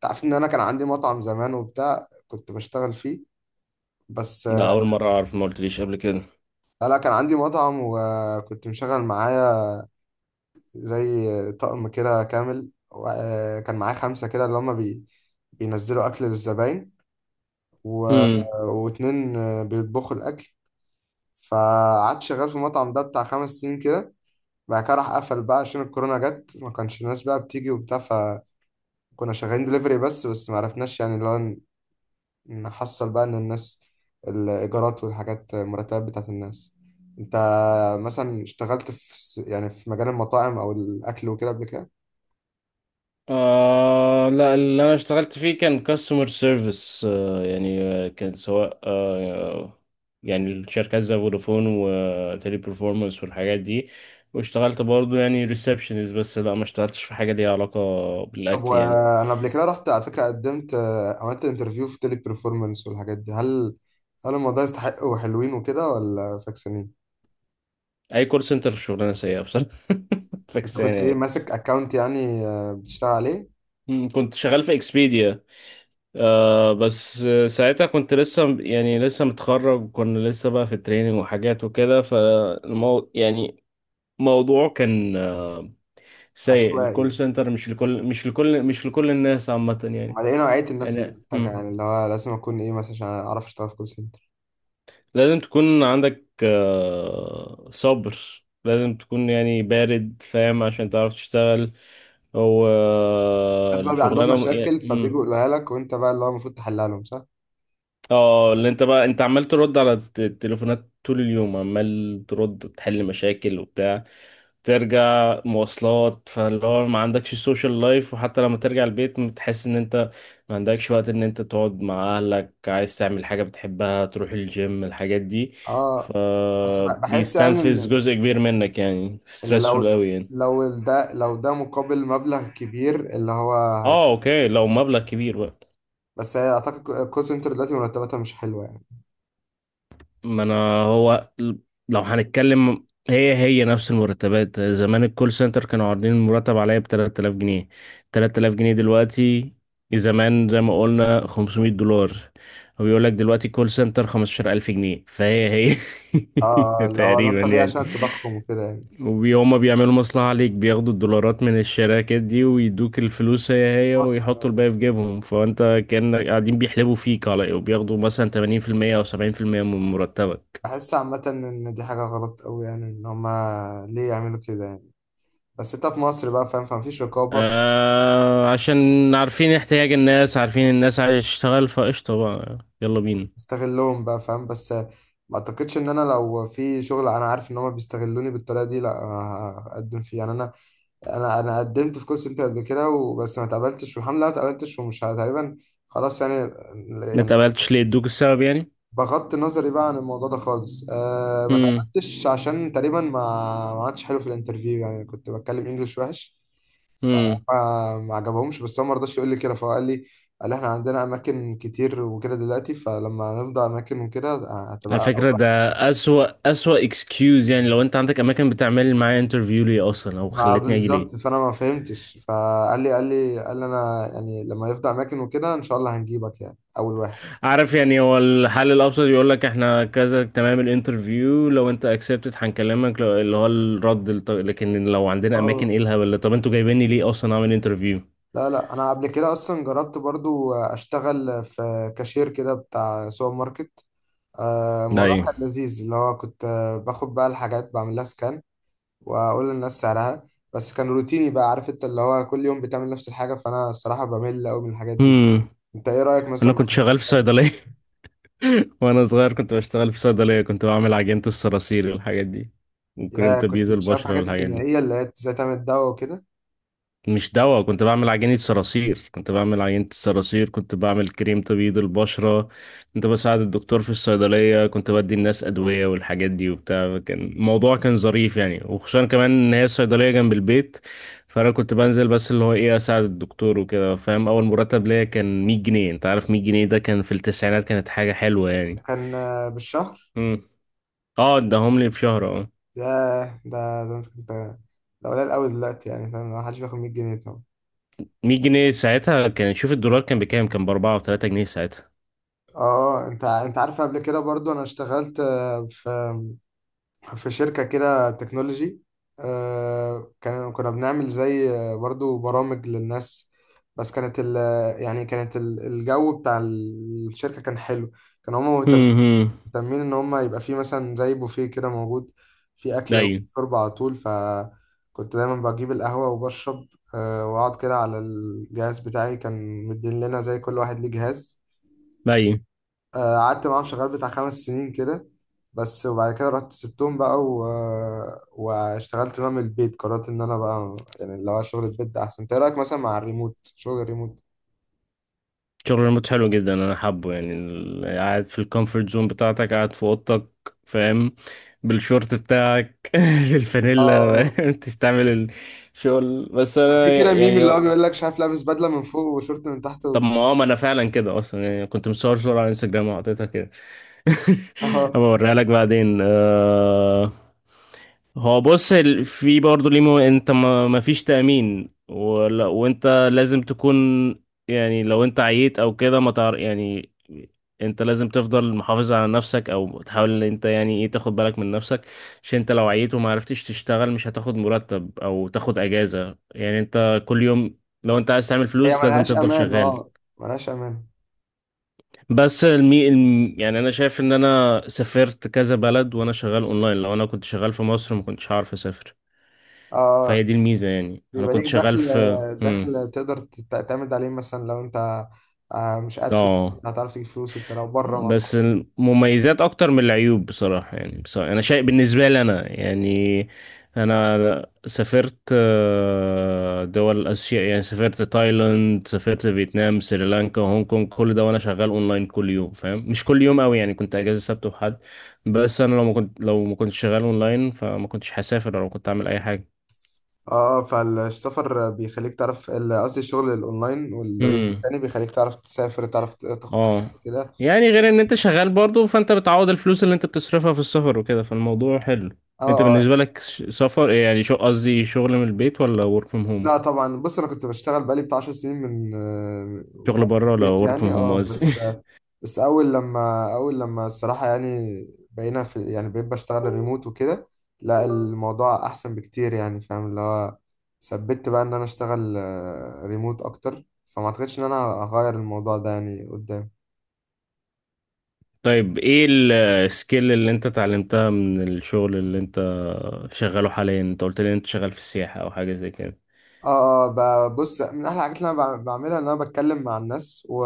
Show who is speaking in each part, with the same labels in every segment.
Speaker 1: تعرف ان انا كان عندي مطعم زمان وبتاع كنت بشتغل فيه بس
Speaker 2: ده
Speaker 1: آه،
Speaker 2: أول مرة أعرف ما قلتليش قبل كده.
Speaker 1: لا كان عندي مطعم وكنت مشغل معايا زي طقم كده كامل وكان معايا خمسة كده اللي هما بي بينزلوا أكل للزباين و...
Speaker 2: هم.
Speaker 1: واتنين بيطبخوا الأكل. فقعدت شغال في المطعم ده بتاع 5 سنين كده. بعد كده راح قفل بقى عشان الكورونا جت ما كانش الناس بقى بتيجي وبتاع فكنا شغالين دليفري بس ما عرفناش يعني اللي هو نحصل بقى ان الناس الايجارات والحاجات المرتبات بتاعت الناس. انت مثلا اشتغلت في يعني في مجال المطاعم او الاكل وكده قبل كده؟
Speaker 2: آه لا، اللي أنا اشتغلت فيه كان كاستمر سيرفيس، كان سواء يعني الشركات زي فودافون وتيلي برفورمانس والحاجات دي. واشتغلت برضو يعني ريسبشنز، بس لا ما اشتغلتش في حاجة ليها علاقة
Speaker 1: طب
Speaker 2: بالأكل يعني.
Speaker 1: وانا قبل كده رحت على فكره قدمت، عملت انترفيو في تيلي بيرفورمانس والحاجات دي. هل الموضوع يستحق وحلوين وكده ولا فاكسانين؟
Speaker 2: أي كول سنتر شغلانة سيئة بصراحة.
Speaker 1: انت
Speaker 2: فكسانة
Speaker 1: كنت ايه
Speaker 2: يعني.
Speaker 1: ماسك اكونت يعني، بتشتغل عليه؟
Speaker 2: هم، كنت شغال في اكسبيديا. آه بس ساعتها كنت لسه متخرج، وكنا لسه بقى في التريننج وحاجات وكده، فالمو يعني موضوع كان سيء. الكول
Speaker 1: عشوائي
Speaker 2: سنتر مش لكل الناس عامة يعني.
Speaker 1: على ايه نوعيه الناس اللي
Speaker 2: يعني
Speaker 1: محتاجه
Speaker 2: مم.
Speaker 1: يعني اللي هو لازم اكون ايه مثلا عشان اعرف اشتغل في كول سنتر؟
Speaker 2: لازم تكون عندك صبر، لازم تكون يعني بارد، فاهم، عشان تعرف تشتغل. هو
Speaker 1: الناس بقى بيبقى عندهم
Speaker 2: الشغلانة
Speaker 1: مشاكل فبيجوا يقولوها لك وانت بقى اللي هو المفروض تحلها لهم صح.
Speaker 2: اه، اللي انت عمال ترد على التليفونات طول اليوم، عمال ترد بتحل مشاكل وبتاع، ترجع مواصلات، فاللي هو ما عندكش سوشيال لايف، وحتى لما ترجع البيت بتحس ان انت ما عندكش وقت ان انت تقعد مع اهلك، عايز تعمل حاجة بتحبها، تروح الجيم، الحاجات دي.
Speaker 1: اه بس بحس يعني
Speaker 2: فبيستنفذ
Speaker 1: ان
Speaker 2: جزء كبير منك، يعني
Speaker 1: ان لو
Speaker 2: ستريسفول قوي يعني.
Speaker 1: لو ده مقابل مبلغ كبير اللي هو. هي
Speaker 2: اه اوكي، لو مبلغ كبير بقى.
Speaker 1: بس هي اعتقد الكول سنتر دلوقتي مرتباتها مش حلوه يعني.
Speaker 2: ما انا هو لو هنتكلم، هي نفس المرتبات زمان، الكول سنتر كانوا عارضين المرتب عليا ب 3000 جنيه. 3000 جنيه دلوقتي زمان زي ما قلنا 500 دولار. هو بيقول لك دلوقتي كول سنتر 15000 جنيه، فهي.
Speaker 1: اه لو ده
Speaker 2: تقريبا
Speaker 1: الطبيعي
Speaker 2: يعني.
Speaker 1: عشان التضخم وكده يعني.
Speaker 2: وهما بيعملوا مصلحة عليك، بياخدوا الدولارات من الشراكات دي ويدوك الفلوس هي
Speaker 1: في
Speaker 2: هي
Speaker 1: مصر
Speaker 2: ويحطوا
Speaker 1: يعني.
Speaker 2: الباقي في جيبهم، فانت كأنك قاعدين بيحلبوا فيك على إيه؟ وبياخدوا مثلا 80% او 70% من مرتبك.
Speaker 1: بحس عامه ان دي حاجه غلط قوي يعني، ان هما ليه يعملوا كده يعني. بس انت في مصر بقى فاهم فمفيش رقابه.
Speaker 2: آه عشان عارفين احتياج الناس، عارفين الناس عايزة تشتغل، فقشطة بقى يلا بينا.
Speaker 1: استغلهم بقى فاهم. بس ما اعتقدش ان انا لو في شغل انا عارف ان هما بيستغلوني بالطريقه دي لا هقدم فيه يعني. انا قدمت في كول سنتر قبل كده وبس ما اتقبلتش والحمد لله ما اتقبلتش ومش تقريبا خلاص يعني.
Speaker 2: ما
Speaker 1: يعني
Speaker 2: اتقبلتش ليه؟ ادوك السبب يعني؟
Speaker 1: بغض نظري بقى عن الموضوع ده خالص ما
Speaker 2: هم
Speaker 1: اتقبلتش عشان تقريبا ما عادش حلو في الانترفيو يعني كنت بتكلم انجلش وحش.
Speaker 2: هم.
Speaker 1: فما ما عجبهمش بس هو ما رضاش يقول لي كده فقال لي قال لي احنا عندنا اماكن كتير وكده دلوقتي فلما نفضى اماكن وكده،
Speaker 2: على
Speaker 1: هتبقى.
Speaker 2: فكرة ده أسوأ اكسكيوز يعني. لو انت عندك اماكن، بتعمل معايا انترفيو ليه اصلا، او
Speaker 1: ما
Speaker 2: خلتني اجي ليه؟
Speaker 1: بالظبط فانا ما فهمتش فقال لي قال لي انا يعني لما يفضى اماكن وكده ان شاء الله هنجيبك يعني اول واحد.
Speaker 2: عارف يعني، هو الحل الابسط يقول لك احنا كذا، تمام الانترفيو، لو انت اكسبتد هنكلمك، لو- اللي هو الرد الط- لكن لو عندنا اماكن،
Speaker 1: اه
Speaker 2: ايه الهبل ده؟ طب انتوا جايبيني ليه اصلا اعمل انترفيو؟
Speaker 1: لا لا انا قبل كده اصلا جربت برضو اشتغل في كاشير كده بتاع سوبر ماركت. الموضوع
Speaker 2: ايوه.
Speaker 1: كان لذيذ اللي هو كنت باخد بقى الحاجات بعمل لها سكان واقول للناس سعرها. بس كان روتيني بقى عارف انت اللي هو كل يوم بتعمل نفس الحاجه فانا الصراحه بمل قوي من الحاجات دي.
Speaker 2: هم.
Speaker 1: انت ايه رايك مثلا
Speaker 2: انا
Speaker 1: مع
Speaker 2: كنت
Speaker 1: حاجات
Speaker 2: شغال في
Speaker 1: الدواء؟
Speaker 2: صيدلية، وانا صغير كنت بشتغل في صيدلية، كنت بعمل عجينة الصراصير والحاجات دي، وكريم
Speaker 1: يا كنت
Speaker 2: تبييض
Speaker 1: مش عارف
Speaker 2: البشرة
Speaker 1: الحاجات
Speaker 2: والحاجات دي.
Speaker 1: الكيميائيه اللي هي ازاي تعمل دواء وكده.
Speaker 2: مش دواء، كنت بعمل عجينة الصراصير، كنت بعمل كريم تبييض البشرة، كنت بساعد الدكتور في الصيدلية، كنت بدي الناس أدوية والحاجات دي وبتاع. كان الموضوع كان ظريف يعني، وخصوصا كمان إن هي الصيدلية جنب البيت، فأنا كنت بنزل بس اللي هو إيه أساعد الدكتور وكده، فاهم؟ أول مرتب ليا كان 100 جنيه. أنت عارف 100 جنيه ده كان في التسعينات، كانت حاجة حلوة يعني.
Speaker 1: كان بالشهر؟
Speaker 2: اه اداهم لي في شهر، اه.
Speaker 1: ياه ده انت كنت، ده قليل قوي دلوقتي يعني فاهم ما حدش بياخد 100 جنيه طبعا.
Speaker 2: 100 جنيه ساعتها كان، شوف الدولار كان بكام، كان ب 4 و3 جنيه ساعتها.
Speaker 1: اه انت عارف قبل كده برضو انا اشتغلت، في شركة كده تكنولوجي. كان كنا بنعمل زي برضو برامج للناس. بس كانت يعني كانت الجو بتاع الشركة كان حلو. كانوا هما مهتمين
Speaker 2: امم.
Speaker 1: مهتمين ان هم يبقى في مثلا زي بوفيه كده موجود في اكله
Speaker 2: ايوه
Speaker 1: وشرب على طول فكنت دايما بجيب القهوه وبشرب. واقعد كده على الجهاز بتاعي كان مدين لنا زي كل واحد ليه جهاز.
Speaker 2: ايوه.
Speaker 1: قعدت معاهم شغال بتاع 5 سنين كده بس. وبعد كده رحت سبتهم بقى واشتغلت بقى من البيت. قررت ان انا بقى يعني اللي هو شغل البيت ده احسن. إنت ايه رايك مثلا مع الريموت شغل الريموت؟
Speaker 2: شغل ريموت حلو جدا، انا حابه يعني قاعد في الكومفورت زون بتاعتك، قاعد في اوضتك، فاهم، بالشورت بتاعك. بالفانيلا،
Speaker 1: اه
Speaker 2: فاهم؟ تستعمل الشغل، بس
Speaker 1: في
Speaker 2: انا
Speaker 1: كده ميم
Speaker 2: يعني
Speaker 1: اللي هو بيقول لك شايف لابس بدله من فوق وشورت من تحت
Speaker 2: طب ما اه ما انا فعلا كده اصلا يعني. كنت مصور صورة على انستجرام وحطيتها كده. هبقى اوريها لك بعدين آه... هو بص ال- في برضه ليه مو- انت ما فيش تأمين ولا، وانت لازم تكون يعني لو انت عييت او كده ما تعرف يعني. انت لازم تفضل محافظ على نفسك، او تحاول ان انت يعني ايه تاخد بالك من نفسك، عشان انت لو عييت وما عرفتش تشتغل مش هتاخد مرتب او تاخد اجازة يعني. انت كل يوم لو انت عايز تعمل
Speaker 1: هي
Speaker 2: فلوس لازم
Speaker 1: ملهاش
Speaker 2: تفضل
Speaker 1: امان.
Speaker 2: شغال.
Speaker 1: اه ملهاش امان.
Speaker 2: يعني انا شايف ان انا سافرت كذا بلد وانا شغال اونلاين، لو انا كنت شغال في مصر ما كنتش هعرف اسافر.
Speaker 1: اه
Speaker 2: فهي دي الميزة يعني. انا
Speaker 1: بيبقى ليك
Speaker 2: كنت شغال
Speaker 1: دخل،
Speaker 2: في مم.
Speaker 1: دخل تقدر تعتمد عليه مثلا لو انت مش قاعد في
Speaker 2: اه.
Speaker 1: البيت هتعرف تجيب فلوس انت لو بره مع
Speaker 2: بس
Speaker 1: صحابك.
Speaker 2: المميزات اكتر من العيوب بصراحة، يعني بصراحة انا شايف بالنسبة لي انا يعني انا سافرت دول اسيا يعني، سافرت تايلاند، سافرت فيتنام، سريلانكا، هونج كونج، كل ده وانا شغال اونلاين كل يوم، فاهم؟ مش كل يوم قوي يعني، كنت اجازة سبت وحد. بس انا لو ما كنتش شغال اونلاين فما كنتش هسافر ولا كنت اعمل اي
Speaker 1: اه فالسفر بيخليك تعرف قصدي الشغل الاونلاين
Speaker 2: حاجة.
Speaker 1: والريموت يعني بيخليك تعرف تسافر تعرف تاخد حاجه
Speaker 2: اه
Speaker 1: كده.
Speaker 2: يعني غير ان انت شغال برضو، فانت بتعوض الفلوس اللي انت بتصرفها في السفر وكده، فالموضوع حلو.
Speaker 1: اه
Speaker 2: انت
Speaker 1: اه
Speaker 2: بالنسبة لك ش- سفر إيه يعني شو قصدي شغل من البيت ولا work from home؟
Speaker 1: لا طبعا بص انا كنت بشتغل بقالي بتاع 10 سنين من
Speaker 2: شغل
Speaker 1: بره
Speaker 2: بره ولا
Speaker 1: البيت
Speaker 2: work from
Speaker 1: يعني
Speaker 2: home
Speaker 1: اه
Speaker 2: قصدي
Speaker 1: بس. بس اول لما الصراحه يعني بقينا في يعني بقيت بشتغل ريموت وكده. لا الموضوع احسن بكتير يعني فاهم اللي هو ثبت بقى ان انا اشتغل ريموت اكتر فما اعتقدش ان انا هغير الموضوع ده يعني قدام.
Speaker 2: طيب ايه السكيل اللي انت اتعلمتها من الشغل اللي انت شغاله حاليا؟ انت قلت لي انت شغال في السياحة او حاجة زي كده.
Speaker 1: اه اه بص من احلى الحاجات اللي انا بعملها ان انا بتكلم مع الناس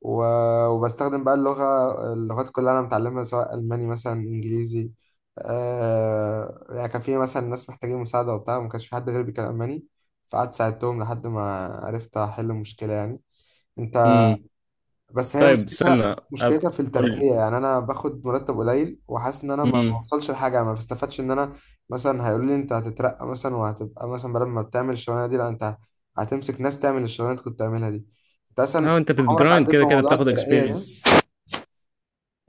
Speaker 1: وبستخدم بقى اللغة. اللغات كلها اللي أنا متعلمها سواء ألماني مثلا إنجليزي. يعني كان في مثلا ناس محتاجين مساعدة وبتاع وما كانش في حد غيري بيتكلم ألماني فقعدت ساعدتهم لحد ما عرفت أحل المشكلة يعني. أنت
Speaker 2: امم.
Speaker 1: بس هي
Speaker 2: طيب
Speaker 1: مشكلتها
Speaker 2: استنى أب-
Speaker 1: مشكلتها في
Speaker 2: قول لي.
Speaker 1: الترقية يعني أنا باخد مرتب قليل وحاسس إن أنا ما
Speaker 2: امم.
Speaker 1: بوصلش لحاجة ما بستفادش إن أنا مثلا هيقولوا لي أنت هتترقى مثلا وهتبقى مثلا بدل ما بتعمل الشغلانة دي لا أنت هتمسك ناس تعمل الشغلانة اللي أنت كنت بتعملها دي. أنت أصلا
Speaker 2: اه انت
Speaker 1: عمرك
Speaker 2: بتجرايند
Speaker 1: عديت
Speaker 2: كده كده،
Speaker 1: بموضوع
Speaker 2: بتاخد
Speaker 1: الترقية ده؟
Speaker 2: experience.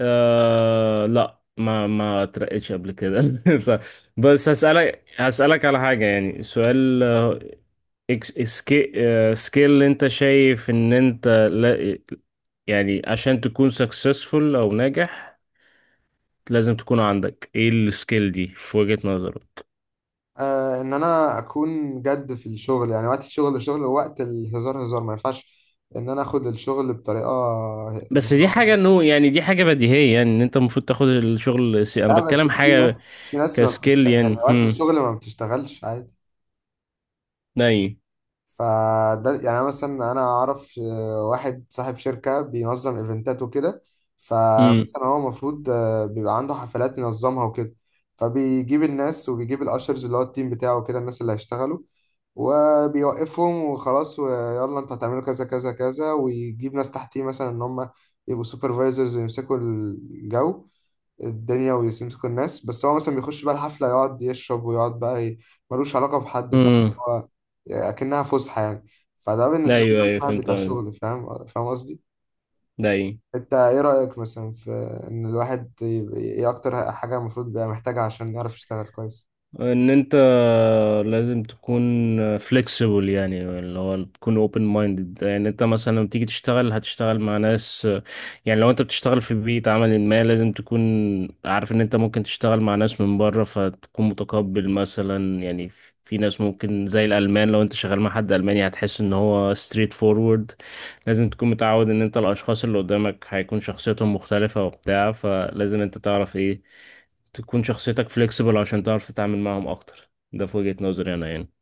Speaker 2: آه لا، ما اترقيتش قبل كده بصراحة. بس هسألك على حاجة، يعني سؤال، إكس- سكي سكيل اللي انت شايف ان انت لا يعني، عشان تكون سكسسفul او ناجح، لازم تكون عندك ايه السكيل دي في وجهة نظرك؟
Speaker 1: آه ان انا اكون جد في الشغل يعني وقت الشغل شغل ووقت الهزار هزار ما ينفعش ان انا اخد الشغل بطريقه
Speaker 2: بس دي حاجة
Speaker 1: هزار.
Speaker 2: انه يعني، دي حاجة بديهية يعني ان انت المفروض تاخد الشغل سي، انا
Speaker 1: لا بس
Speaker 2: بتكلم
Speaker 1: في
Speaker 2: حاجة
Speaker 1: ناس في ناس ما
Speaker 2: كسكيل
Speaker 1: بتشتغل يعني
Speaker 2: يعني.
Speaker 1: وقت
Speaker 2: هم.
Speaker 1: الشغل ما بتشتغلش عادي.
Speaker 2: داي.
Speaker 1: فده يعني أنا مثلا اعرف واحد صاحب شركة بينظم ايفنتات وكده.
Speaker 2: هم
Speaker 1: فمثلا هو المفروض بيبقى عنده حفلات ينظمها وكده فبيجيب الناس وبيجيب الاشرز اللي هو التيم بتاعه كده الناس اللي هيشتغلوا وبيوقفهم وخلاص ويلا انتوا هتعملوا كذا كذا كذا ويجيب ناس تحتيه مثلا ان هم يبقوا سوبرفايزرز ويمسكوا الجو الدنيا ويمسك الناس بس هو مثلا بيخش بقى الحفلة يقعد يشرب ويقعد بقى ملوش علاقة بحد فاهم
Speaker 2: هم.
Speaker 1: هو يعني أكنها فسحة يعني. فده بالنسبة لي
Speaker 2: ايوه
Speaker 1: ده
Speaker 2: ايوه،
Speaker 1: صاحب
Speaker 2: فهمت
Speaker 1: بتاع
Speaker 2: قصدك.
Speaker 1: شغل فاهم، فاهم قصدي؟
Speaker 2: داي.
Speaker 1: أنت إيه رأيك مثلا في إن الواحد إيه أكتر حاجة المفروض بقى محتاجها عشان يعرف يشتغل كويس؟
Speaker 2: ان انت لازم تكون flexible يعني اللي هو تكون open minded. يعني انت مثلا لما تيجي تشتغل، هتشتغل مع ناس، يعني لو انت بتشتغل في بيئة عمل ما، لازم تكون عارف ان انت ممكن تشتغل مع ناس من بره، فتكون متقبل مثلا يعني. في ناس ممكن زي الألمان، لو انت شغال مع حد ألماني هتحس ان هو straight forward. لازم تكون متعود ان انت الأشخاص اللي قدامك هيكون شخصيتهم مختلفة وبتاع، فلازم انت تعرف ايه تكون شخصيتك فليكسبل عشان تعرف تتعامل معهم اكتر. ده في وجهة نظري انا يعني.